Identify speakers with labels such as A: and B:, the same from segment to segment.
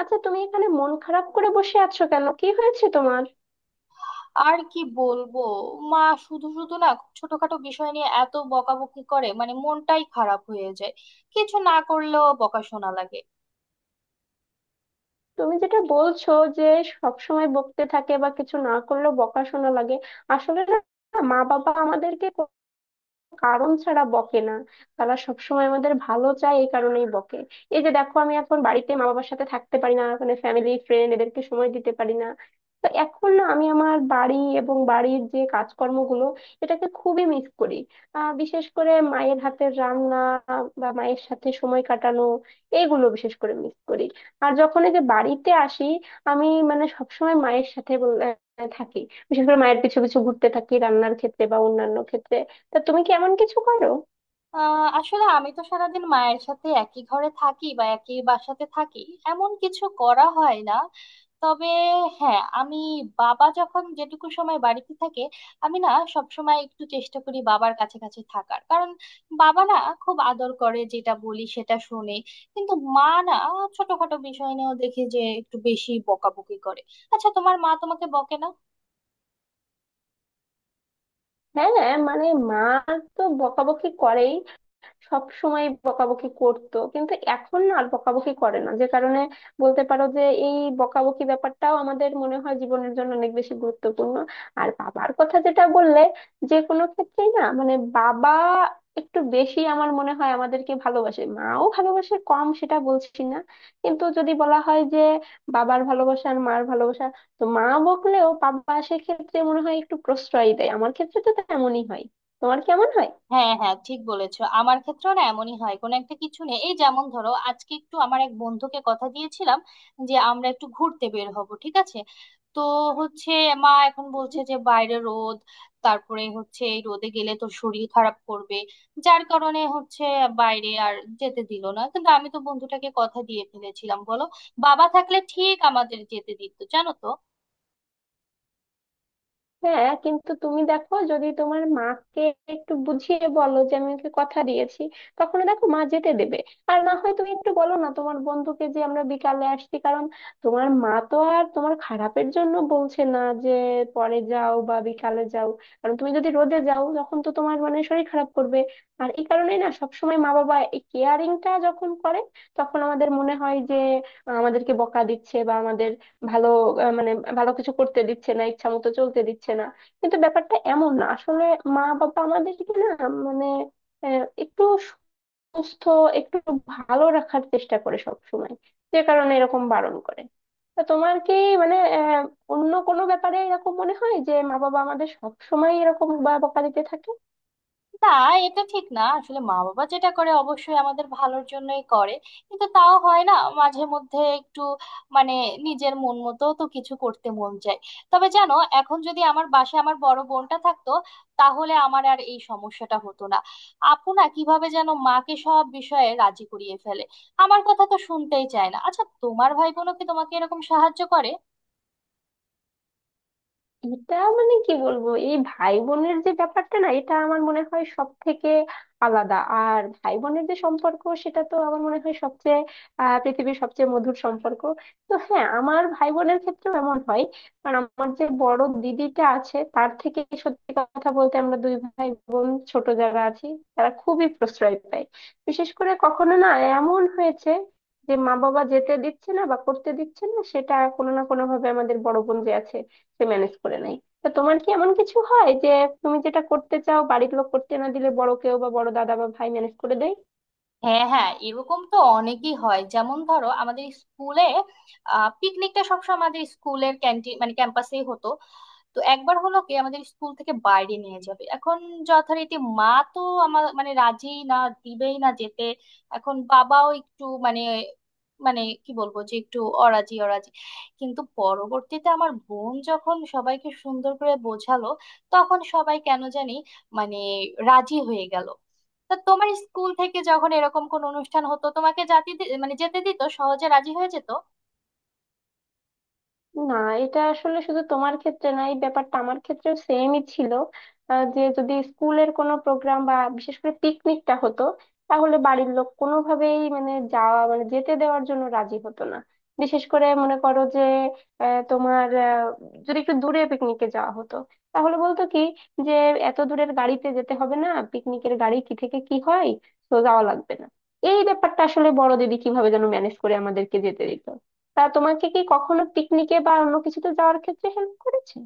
A: আচ্ছা, তুমি এখানে মন খারাপ করে বসে আছো কেন? কি হয়েছে তোমার?
B: আর কি বলবো? মা শুধু শুধু না, খুব ছোটখাটো বিষয় নিয়ে এত বকাবকি করে, মানে মনটাই খারাপ হয়ে যায়। কিছু না করলেও বকা শোনা লাগে।
A: তুমি যেটা বলছো যে সব সময় বকতে থাকে বা কিছু না করলেও বকাশোনা লাগে, আসলে না, মা বাবা আমাদেরকে কারণ ছাড়া বকে না। তারা সবসময় আমাদের ভালো চায়, এই কারণেই বকে। এই যে দেখো, আমি এখন বাড়িতে মা বাবার সাথে থাকতে পারি না, মানে ফ্যামিলি ফ্রেন্ড এদেরকে সময় দিতে পারি না। তো এখন না, আমি আমার বাড়ি এবং বাড়ির যে কাজকর্মগুলো, এটাকে খুবই মিস করি। বিশেষ করে মায়ের হাতের রান্না বা মায়ের সাথে সময় কাটানো, এইগুলো বিশেষ করে মিস করি। আর যখন এই যে বাড়িতে আসি, আমি মানে সবসময় মায়ের সাথে থাকি। বিশেষ করে মায়ের পিছু পিছু ঘুরতে থাকি রান্নার ক্ষেত্রে বা অন্যান্য ক্ষেত্রে। তা তুমি কি এমন কিছু করো?
B: আসলে আমি তো সারাদিন মায়ের সাথে একই ঘরে থাকি বা একই বাসাতে থাকি, এমন কিছু করা হয় না। তবে হ্যাঁ, আমি বাবা যখন যেটুকু সময় বাড়িতে থাকে, আমি না সব সময় একটু চেষ্টা করি বাবার কাছে কাছে থাকার, কারণ বাবা না খুব আদর করে, যেটা বলি সেটা শুনে। কিন্তু মা না ছোটখাটো বিষয় নিয়েও দেখি যে একটু বেশি বকাবকি করে। আচ্ছা, তোমার মা তোমাকে বকে না?
A: হ্যাঁ, মানে মা তো বকাবকি করেই, সব সময় বকাবকি করতো, কিন্তু এখন না আর বকাবকি করে না। যে কারণে বলতে পারো যে এই বকাবকি ব্যাপারটাও আমাদের মনে হয় জীবনের জন্য অনেক বেশি গুরুত্বপূর্ণ। আর বাবার কথা যেটা বললে, যে কোনো ক্ষেত্রেই না, মানে বাবা একটু বেশি আমার মনে হয় আমাদেরকে ভালোবাসে, মাও ভালোবাসে, কম সেটা বলছি না। কিন্তু যদি বলা হয় যে বাবার ভালোবাসা আর মার ভালোবাসা, তো মা বকলেও বাবা সেক্ষেত্রে মনে হয় একটু প্রশ্রয় দেয়। আমার ক্ষেত্রে তো তেমনই হয়। তোমার কেমন হয়?
B: হ্যাঁ হ্যাঁ, ঠিক বলেছো, আমার ক্ষেত্রেও না এমনই হয়। কোনো একটা কিছু নেই, এই যেমন ধরো আজকে একটু আমার এক বন্ধুকে কথা দিয়েছিলাম যে আমরা একটু ঘুরতে বের হব, ঠিক আছে? তো হচ্ছে, মা এখন বলছে যে বাইরে রোদ, তারপরে হচ্ছে এই রোদে গেলে তো শরীর খারাপ করবে, যার কারণে হচ্ছে বাইরে আর যেতে দিল না। কিন্তু আমি তো বন্ধুটাকে কথা দিয়ে ফেলেছিলাম, বলো। বাবা থাকলে ঠিক আমাদের যেতে দিত, জানো তো।
A: হ্যাঁ, কিন্তু তুমি দেখো, যদি তোমার মাকে একটু বুঝিয়ে বলো যে আমি ওকে কথা দিয়েছি, তখন দেখো মা যেতে দেবে। আর না হয় তুমি একটু বলো না তোমার বন্ধুকে যে আমরা বিকালে আসছি, কারণ তোমার মা তো আর তোমার খারাপের জন্য বলছে না যে পরে যাও বা বিকালে যাও। কারণ তুমি যদি রোদে যাও, তখন তো তোমার মানে শরীর খারাপ করবে। আর এই কারণেই না সবসময় মা বাবা এই কেয়ারিংটা যখন করে, তখন আমাদের মনে হয় যে আমাদেরকে বকা দিচ্ছে বা আমাদের ভালো, মানে ভালো কিছু করতে দিচ্ছে না, ইচ্ছা মতো চলতে দিচ্ছে না। কিন্তু ব্যাপারটা এমন না আসলে, মা বাবা আমাদেরকে না, মানে একটু সুস্থ, একটু ভালো রাখার চেষ্টা করে সব সময়, যে কারণে এরকম বারণ করে। তা তোমার কি, মানে অন্য কোনো ব্যাপারে এরকম মনে হয় যে মা বাবা আমাদের সব সময় এরকম বকা দিতে থাকে?
B: না, এটা ঠিক না, আসলে মা বাবা যেটা করে অবশ্যই আমাদের ভালোর জন্যই করে, কিন্তু তাও হয় না। মাঝে মধ্যে একটু মানে নিজের মন মতো তো কিছু করতে মন চায়। তবে জানো, এখন যদি আমার বাসায় আমার বড় বোনটা থাকতো, তাহলে আমার আর এই সমস্যাটা হতো না। আপু না কিভাবে যেন মাকে সব বিষয়ে রাজি করিয়ে ফেলে, আমার কথা তো শুনতেই চায় না। আচ্ছা, তোমার ভাই বোনও কি তোমাকে এরকম সাহায্য করে?
A: এটা মানে কি বলবো, এই ভাই বোনের যে ব্যাপারটা না, এটা আমার মনে হয় সব থেকে আলাদা। আর ভাই বোনের যে সম্পর্ক, সেটা তো আমার মনে হয় সবচেয়ে পৃথিবীর সবচেয়ে মধুর সম্পর্ক। তো হ্যাঁ, আমার ভাই বোনের ক্ষেত্রেও এমন হয়। কারণ আমার যে বড় দিদিটা আছে তার থেকে, সত্যি কথা বলতে, আমরা দুই ভাই বোন ছোট যারা আছি, তারা খুবই প্রশ্রয় পায়। বিশেষ করে কখনো না এমন হয়েছে যে মা বাবা যেতে দিচ্ছে না বা করতে দিচ্ছে না, সেটা কোনো না কোনো ভাবে আমাদের বড় বোন যে আছে, সে ম্যানেজ করে নেয়। তা তোমার কি এমন কিছু হয় যে তুমি যেটা করতে চাও, বাড়ির লোক করতে না দিলে বড় কেউ বা বড় দাদা বা ভাই ম্যানেজ করে দেয়?
B: হ্যাঁ হ্যাঁ, এরকম তো অনেকই হয়। যেমন ধরো, আমাদের স্কুলে পিকনিকটা সবসময় আমাদের স্কুলের ক্যান্টিন, মানে ক্যাম্পাসেই হতো। তো একবার হলো কি, আমাদের স্কুল থেকে বাইরে নিয়ে যাবে। এখন যথারীতি মা তো আমার, মানে রাজি না, দিবেই না যেতে। এখন বাবাও একটু মানে, মানে কি বলবো, যে একটু অরাজি অরাজি। কিন্তু পরবর্তীতে আমার বোন যখন সবাইকে সুন্দর করে বোঝালো, তখন সবাই কেন জানি মানে রাজি হয়ে গেল। তা তোমার স্কুল থেকে যখন এরকম কোন অনুষ্ঠান হতো, তোমাকে মানে যেতে দিত? সহজে রাজি হয়ে যেত?
A: না, এটা আসলে শুধু তোমার ক্ষেত্রে না, এই ব্যাপারটা আমার ক্ষেত্রেও সেমই ছিল। যে যদি স্কুলের কোনো প্রোগ্রাম বা বিশেষ করে পিকনিকটা হতো, তাহলে বাড়ির লোক কোনোভাবেই মানে যাওয়া মানে যেতে দেওয়ার জন্য রাজি হতো না। বিশেষ করে মনে করো যে আহ, তোমার আহ, যদি একটু দূরে পিকনিকে যাওয়া হতো, তাহলে বলতো কি যে এত দূরের গাড়িতে যেতে হবে না, পিকনিকের গাড়ি কি থেকে কি হয়, তো যাওয়া লাগবে না। এই ব্যাপারটা আসলে বড় দিদি কিভাবে যেন ম্যানেজ করে আমাদেরকে যেতে দিত। তা তোমাকে কি কখনো পিকনিকে বা অন্য কিছুতে যাওয়ার ক্ষেত্রে হেল্প করেছে?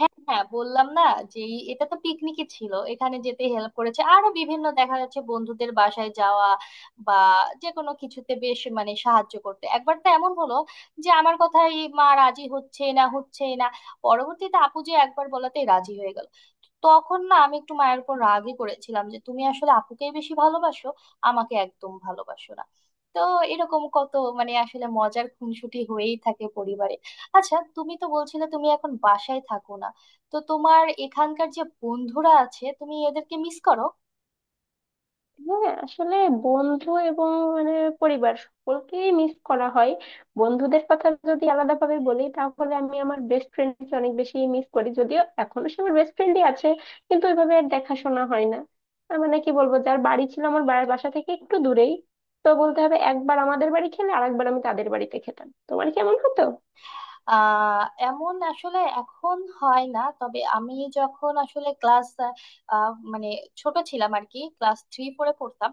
B: হ্যাঁ হ্যাঁ, বললাম না যে, এটা তো পিকনিকই ছিল, এখানে যেতে হেল্প করেছে। আরো বিভিন্ন, দেখা যাচ্ছে বন্ধুদের বাসায় যাওয়া বা যে কোনো কিছুতে বেশ মানে সাহায্য করতে। একবার তো এমন হলো যে আমার কথাই মা রাজি হচ্ছে না হচ্ছে না, পরবর্তীতে আপু যে একবার বলাতেই রাজি হয়ে গেল। তখন না আমি একটু মায়ের উপর রাগই করেছিলাম যে তুমি আসলে আপুকেই বেশি ভালোবাসো, আমাকে একদম ভালোবাসো না। তো এরকম কত, মানে আসলে মজার খুনসুটি হয়েই থাকে পরিবারে। আচ্ছা, তুমি তো বলছিলে তুমি এখন বাসায় থাকো না। তো তোমার এখানকার যে বন্ধুরা আছে, তুমি এদেরকে মিস করো?
A: হ্যাঁ, আসলে বন্ধু এবং মানে পরিবার সকলকেই মিস করা হয়। বন্ধুদের কথা যদি আলাদা ভাবে বলি, তাহলে আমি আমার বেস্ট ফ্রেন্ডকে অনেক বেশি মিস করি, যদিও এখনো সে আমার বেস্ট ফ্রেন্ডই আছে, কিন্তু ওইভাবে আর দেখাশোনা হয় না। মানে কি বলবো, যার বাড়ি ছিল আমার বাড়ির বাসা থেকে একটু দূরেই। তো বলতে হবে, একবার আমাদের বাড়ি খেলে আরেকবার আমি তাদের বাড়িতে খেতাম। তোমার কেমন হতো?
B: আহ এমন আসলে এখন হয় না, তবে আমি যখন আসলে ক্লাস, মানে ছোট ছিলাম আর কি, ক্লাস থ্রি ফোরে পড়তাম।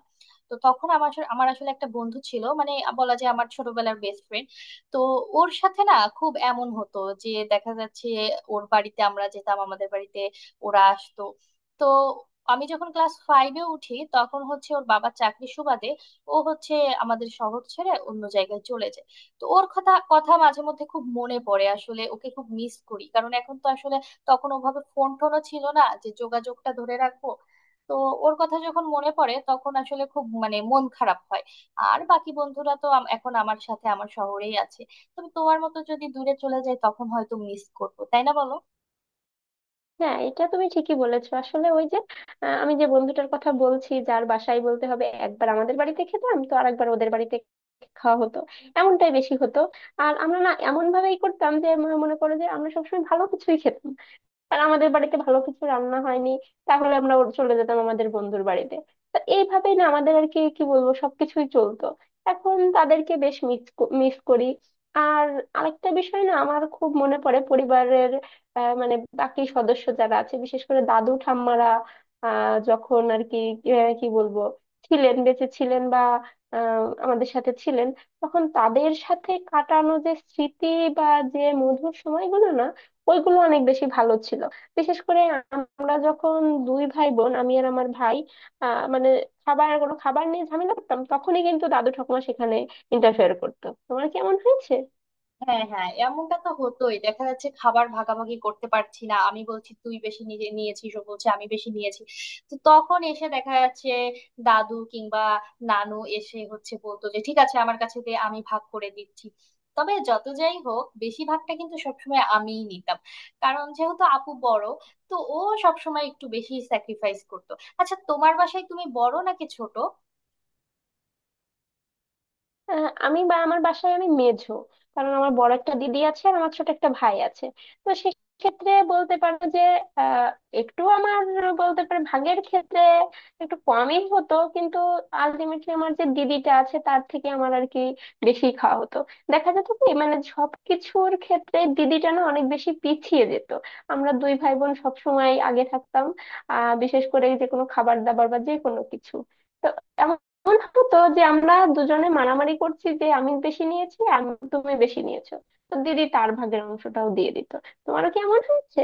B: তো তখন আমার আসলে একটা বন্ধু ছিল, মানে বলা যায় আমার ছোটবেলার বেস্ট ফ্রেন্ড। তো ওর সাথে না খুব এমন হতো যে, দেখা যাচ্ছে ওর বাড়িতে আমরা যেতাম, আমাদের বাড়িতে ওরা আসতো। তো আমি যখন ক্লাস ফাইভে উঠি, তখন হচ্ছে ওর বাবা চাকরির সুবাদে ও হচ্ছে আমাদের শহর ছেড়ে অন্য জায়গায় চলে যায়। তো ওর কথা কথা মাঝে মধ্যে খুব মনে পড়ে, আসলে ওকে খুব মিস করি। কারণ এখন তো আসলে, তখন ওভাবে ফোন টোনও ছিল না যে যোগাযোগটা ধরে রাখবো। তো ওর কথা যখন মনে পড়ে তখন আসলে খুব মানে মন খারাপ হয়। আর বাকি বন্ধুরা তো এখন আমার সাথে আমার শহরেই আছে। তবে তোমার মতো যদি দূরে চলে যায়, তখন হয়তো মিস করবো, তাই না, বলো?
A: হ্যাঁ, এটা তুমি ঠিকই বলেছো। আসলে ওই যে আমি যে বন্ধুটার কথা বলছি, যার বাসায় বলতে হবে একবার আমাদের বাড়িতে খেতাম তো আরেকবার ওদের বাড়িতে খাওয়া হতো, এমনটাই বেশি হতো। আর আমরা না এমন ভাবেই করতাম যে মনে করো যে আমরা সবসময় ভালো কিছুই খেতাম। আর আমাদের বাড়িতে ভালো কিছু রান্না হয়নি, তাহলে আমরা ওর চলে যেতাম আমাদের বন্ধুর বাড়িতে। তো এইভাবেই না আমাদের আর কি কি বলবো, সবকিছুই চলতো। এখন তাদেরকে বেশ মিস মিস করি। আর আরেকটা বিষয় না, আমার খুব মনে পড়ে পরিবারের মানে বাকি সদস্য যারা আছে, বিশেষ করে দাদু ঠাম্মারা। যখন আর কি, কি বলবো, ছিলেন, বেঁচে ছিলেন বা আমাদের সাথে ছিলেন, তখন তাদের সাথে কাটানো যে স্মৃতি বা যে মধুর সময়গুলো না, ওইগুলো অনেক বেশি ভালো ছিল। বিশেষ করে আমরা যখন দুই ভাই বোন, আমি আর আমার ভাই, আহ মানে খাবার কোনো খাবার নিয়ে ঝামেলা করতাম, তখনই কিন্তু দাদু ঠাকুমা সেখানে ইন্টারফেয়ার করতো। তোমার কি এমন হয়েছে?
B: হ্যাঁ হ্যাঁ, এমনটা তো হতোই। দেখা যাচ্ছে খাবার ভাগাভাগি করতে পারছি না, আমি বলছি তুই বেশি নিজে নিয়েছিস, ও বলছে আমি বেশি নিয়েছি। তো তখন এসে দেখা যাচ্ছে দাদু কিংবা নানু এসে হচ্ছে বলতো যে, ঠিক আছে আমার কাছে দে, আমি ভাগ করে দিচ্ছি। তবে যত যাই হোক, বেশিরভাগটা কিন্তু সবসময় আমিই নিতাম, কারণ যেহেতু আপু বড়, তো ও সবসময় একটু বেশি স্যাক্রিফাইস করতো। আচ্ছা, তোমার বাসায় তুমি বড় নাকি ছোট?
A: আমি বা আমার বাসায় আমি মেঝো, কারণ আমার বড় একটা দিদি আছে আর আমার ছোট একটা ভাই আছে। তো সেক্ষেত্রে বলতে পারো যে আহ, একটু আমার, বলতে পারে ভাগের ক্ষেত্রে একটু কমই হতো, কিন্তু আলটিমেটলি আমার যে দিদিটা আছে তার থেকে আমার আর কি বেশি খাওয়া হতো। দেখা যেত কি, মানে সব কিছুর ক্ষেত্রে দিদিটা না অনেক বেশি পিছিয়ে যেত, আমরা দুই ভাই বোন সবসময় আগে থাকতাম। বিশেষ করে যে কোনো খাবার দাবার বা যে কোনো কিছু, তো এমন হতো যে আমরা দুজনে মারামারি করছি যে আমি বেশি নিয়েছি তুমি বেশি নিয়েছো, তো দিদি তার ভাগের অংশটাও দিয়ে দিত। তোমারও কি এমন হয়েছে?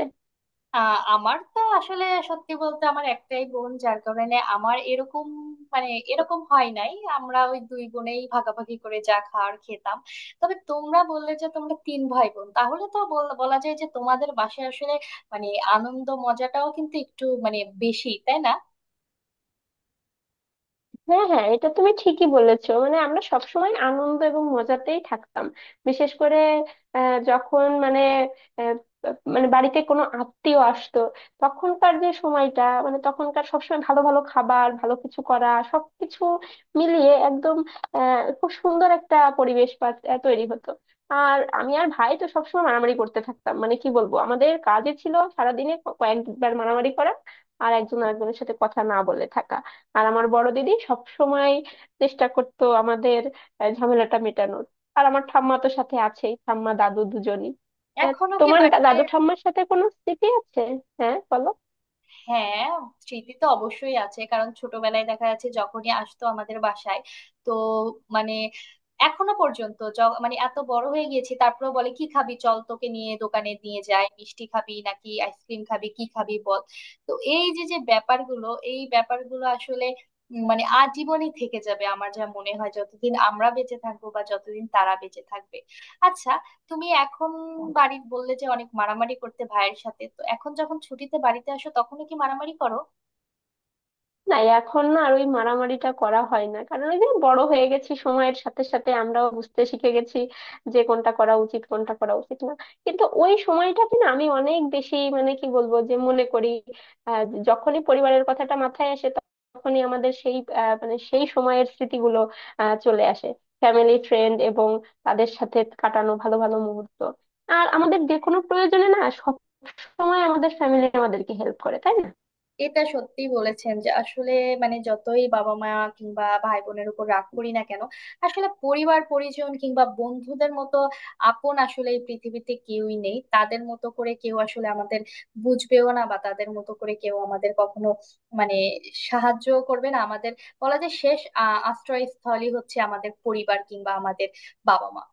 B: আমার তো আসলে, সত্যি বলতে আমার একটাই বোন, যার কারণে আমার এরকম, মানে এরকম হয় নাই, আমরা ওই দুই বোনেই ভাগাভাগি করে যা খাওয়ার খেতাম। তবে তোমরা বললে যে তোমরা তিন ভাই বোন, তাহলে তো বলা যায় যে তোমাদের বাসায় আসলে মানে আনন্দ মজাটাও কিন্তু একটু মানে বেশি, তাই না?
A: হ্যাঁ, হ্যাঁ, এটা তুমি ঠিকই বলেছো, মানে আমরা সবসময় আনন্দ এবং মজাতেই থাকতাম। বিশেষ করে আহ, যখন মানে আহ, মানে বাড়িতে কোনো আত্মীয় আসতো, তখনকার যে সময়টা, মানে তখনকার সবসময় ভালো ভালো খাবার, ভালো কিছু করা, সবকিছু মিলিয়ে একদম খুব সুন্দর একটা পরিবেশ তৈরি হতো। আর আমি আর ভাই তো সবসময় মারামারি করতে থাকতাম, মানে কি বলবো, আমাদের কাজই ছিল সারাদিনে কয়েকবার মারামারি করা আর একজন আরেকজনের সাথে কথা না বলে থাকা। আর আমার বড় দিদি সব সময় চেষ্টা করতো আমাদের ঝামেলাটা মেটানোর। আর আমার ঠাম্মা তো সাথে আছেই, ঠাম্মা দাদু দুজনই। আহ,
B: এখনো কি
A: তোমার
B: বাড়িতে?
A: দাদু ঠাম্মার সাথে কোনো স্মৃতি আছে? হ্যাঁ, বলো।
B: হ্যাঁ, স্মৃতি তো অবশ্যই আছে। কারণ ছোটবেলায় দেখা যাচ্ছে যখনই আসতো আমাদের বাসায়, তো মানে এখনো পর্যন্ত মানে এত বড় হয়ে গিয়েছি, তারপরে বলে, কি খাবি, চল তোকে নিয়ে দোকানে নিয়ে যাই, মিষ্টি খাবি নাকি আইসক্রিম খাবি, কি খাবি বল। তো এই যে যে ব্যাপারগুলো, এই ব্যাপারগুলো আসলে মানে আজীবনই থেকে যাবে আমার যা মনে হয়, যতদিন আমরা বেঁচে থাকবো বা যতদিন তারা বেঁচে থাকবে। আচ্ছা, তুমি এখন বাড়ির বললে যে অনেক মারামারি করতে ভাইয়ের সাথে, তো এখন যখন ছুটিতে বাড়িতে আসো, তখনই কি মারামারি করো?
A: না, এখন না আর ওই মারামারিটা করা হয় না, কারণ ওই যে বড় হয়ে গেছি, সময়ের সাথে সাথে আমরাও বুঝতে শিখে গেছি যে কোনটা করা উচিত, কোনটা করা উচিত না। কিন্তু ওই সময়টাকে না আমি অনেক বেশি, মানে কি বলবো, যে মনে করি। আহ, যখনই পরিবারের কথাটা মাথায় আসে, তখনই আমাদের সেই মানে সেই সময়ের স্মৃতিগুলো চলে আসে। ফ্যামিলি ফ্রেন্ড এবং তাদের সাথে কাটানো ভালো ভালো মুহূর্ত। আর আমাদের যে কোনো প্রয়োজনে না, সব সময় আমাদের ফ্যামিলি আমাদেরকে হেল্প করে, তাই না?
B: এটা সত্যি বলেছেন যে আসলে, মানে যতই বাবা মা কিংবা ভাই বোনের উপর রাগ করি না কেন, আসলে পরিবার পরিজন কিংবা বন্ধুদের মতো আপন আসলে এই পৃথিবীতে কেউই নেই। তাদের মতো করে কেউ আসলে আমাদের বুঝবেও না, বা তাদের মতো করে কেউ আমাদের কখনো মানে সাহায্য করবে না আমাদের। বলা যায় শেষ আশ্রয়স্থলই হচ্ছে আমাদের পরিবার কিংবা আমাদের বাবা মা।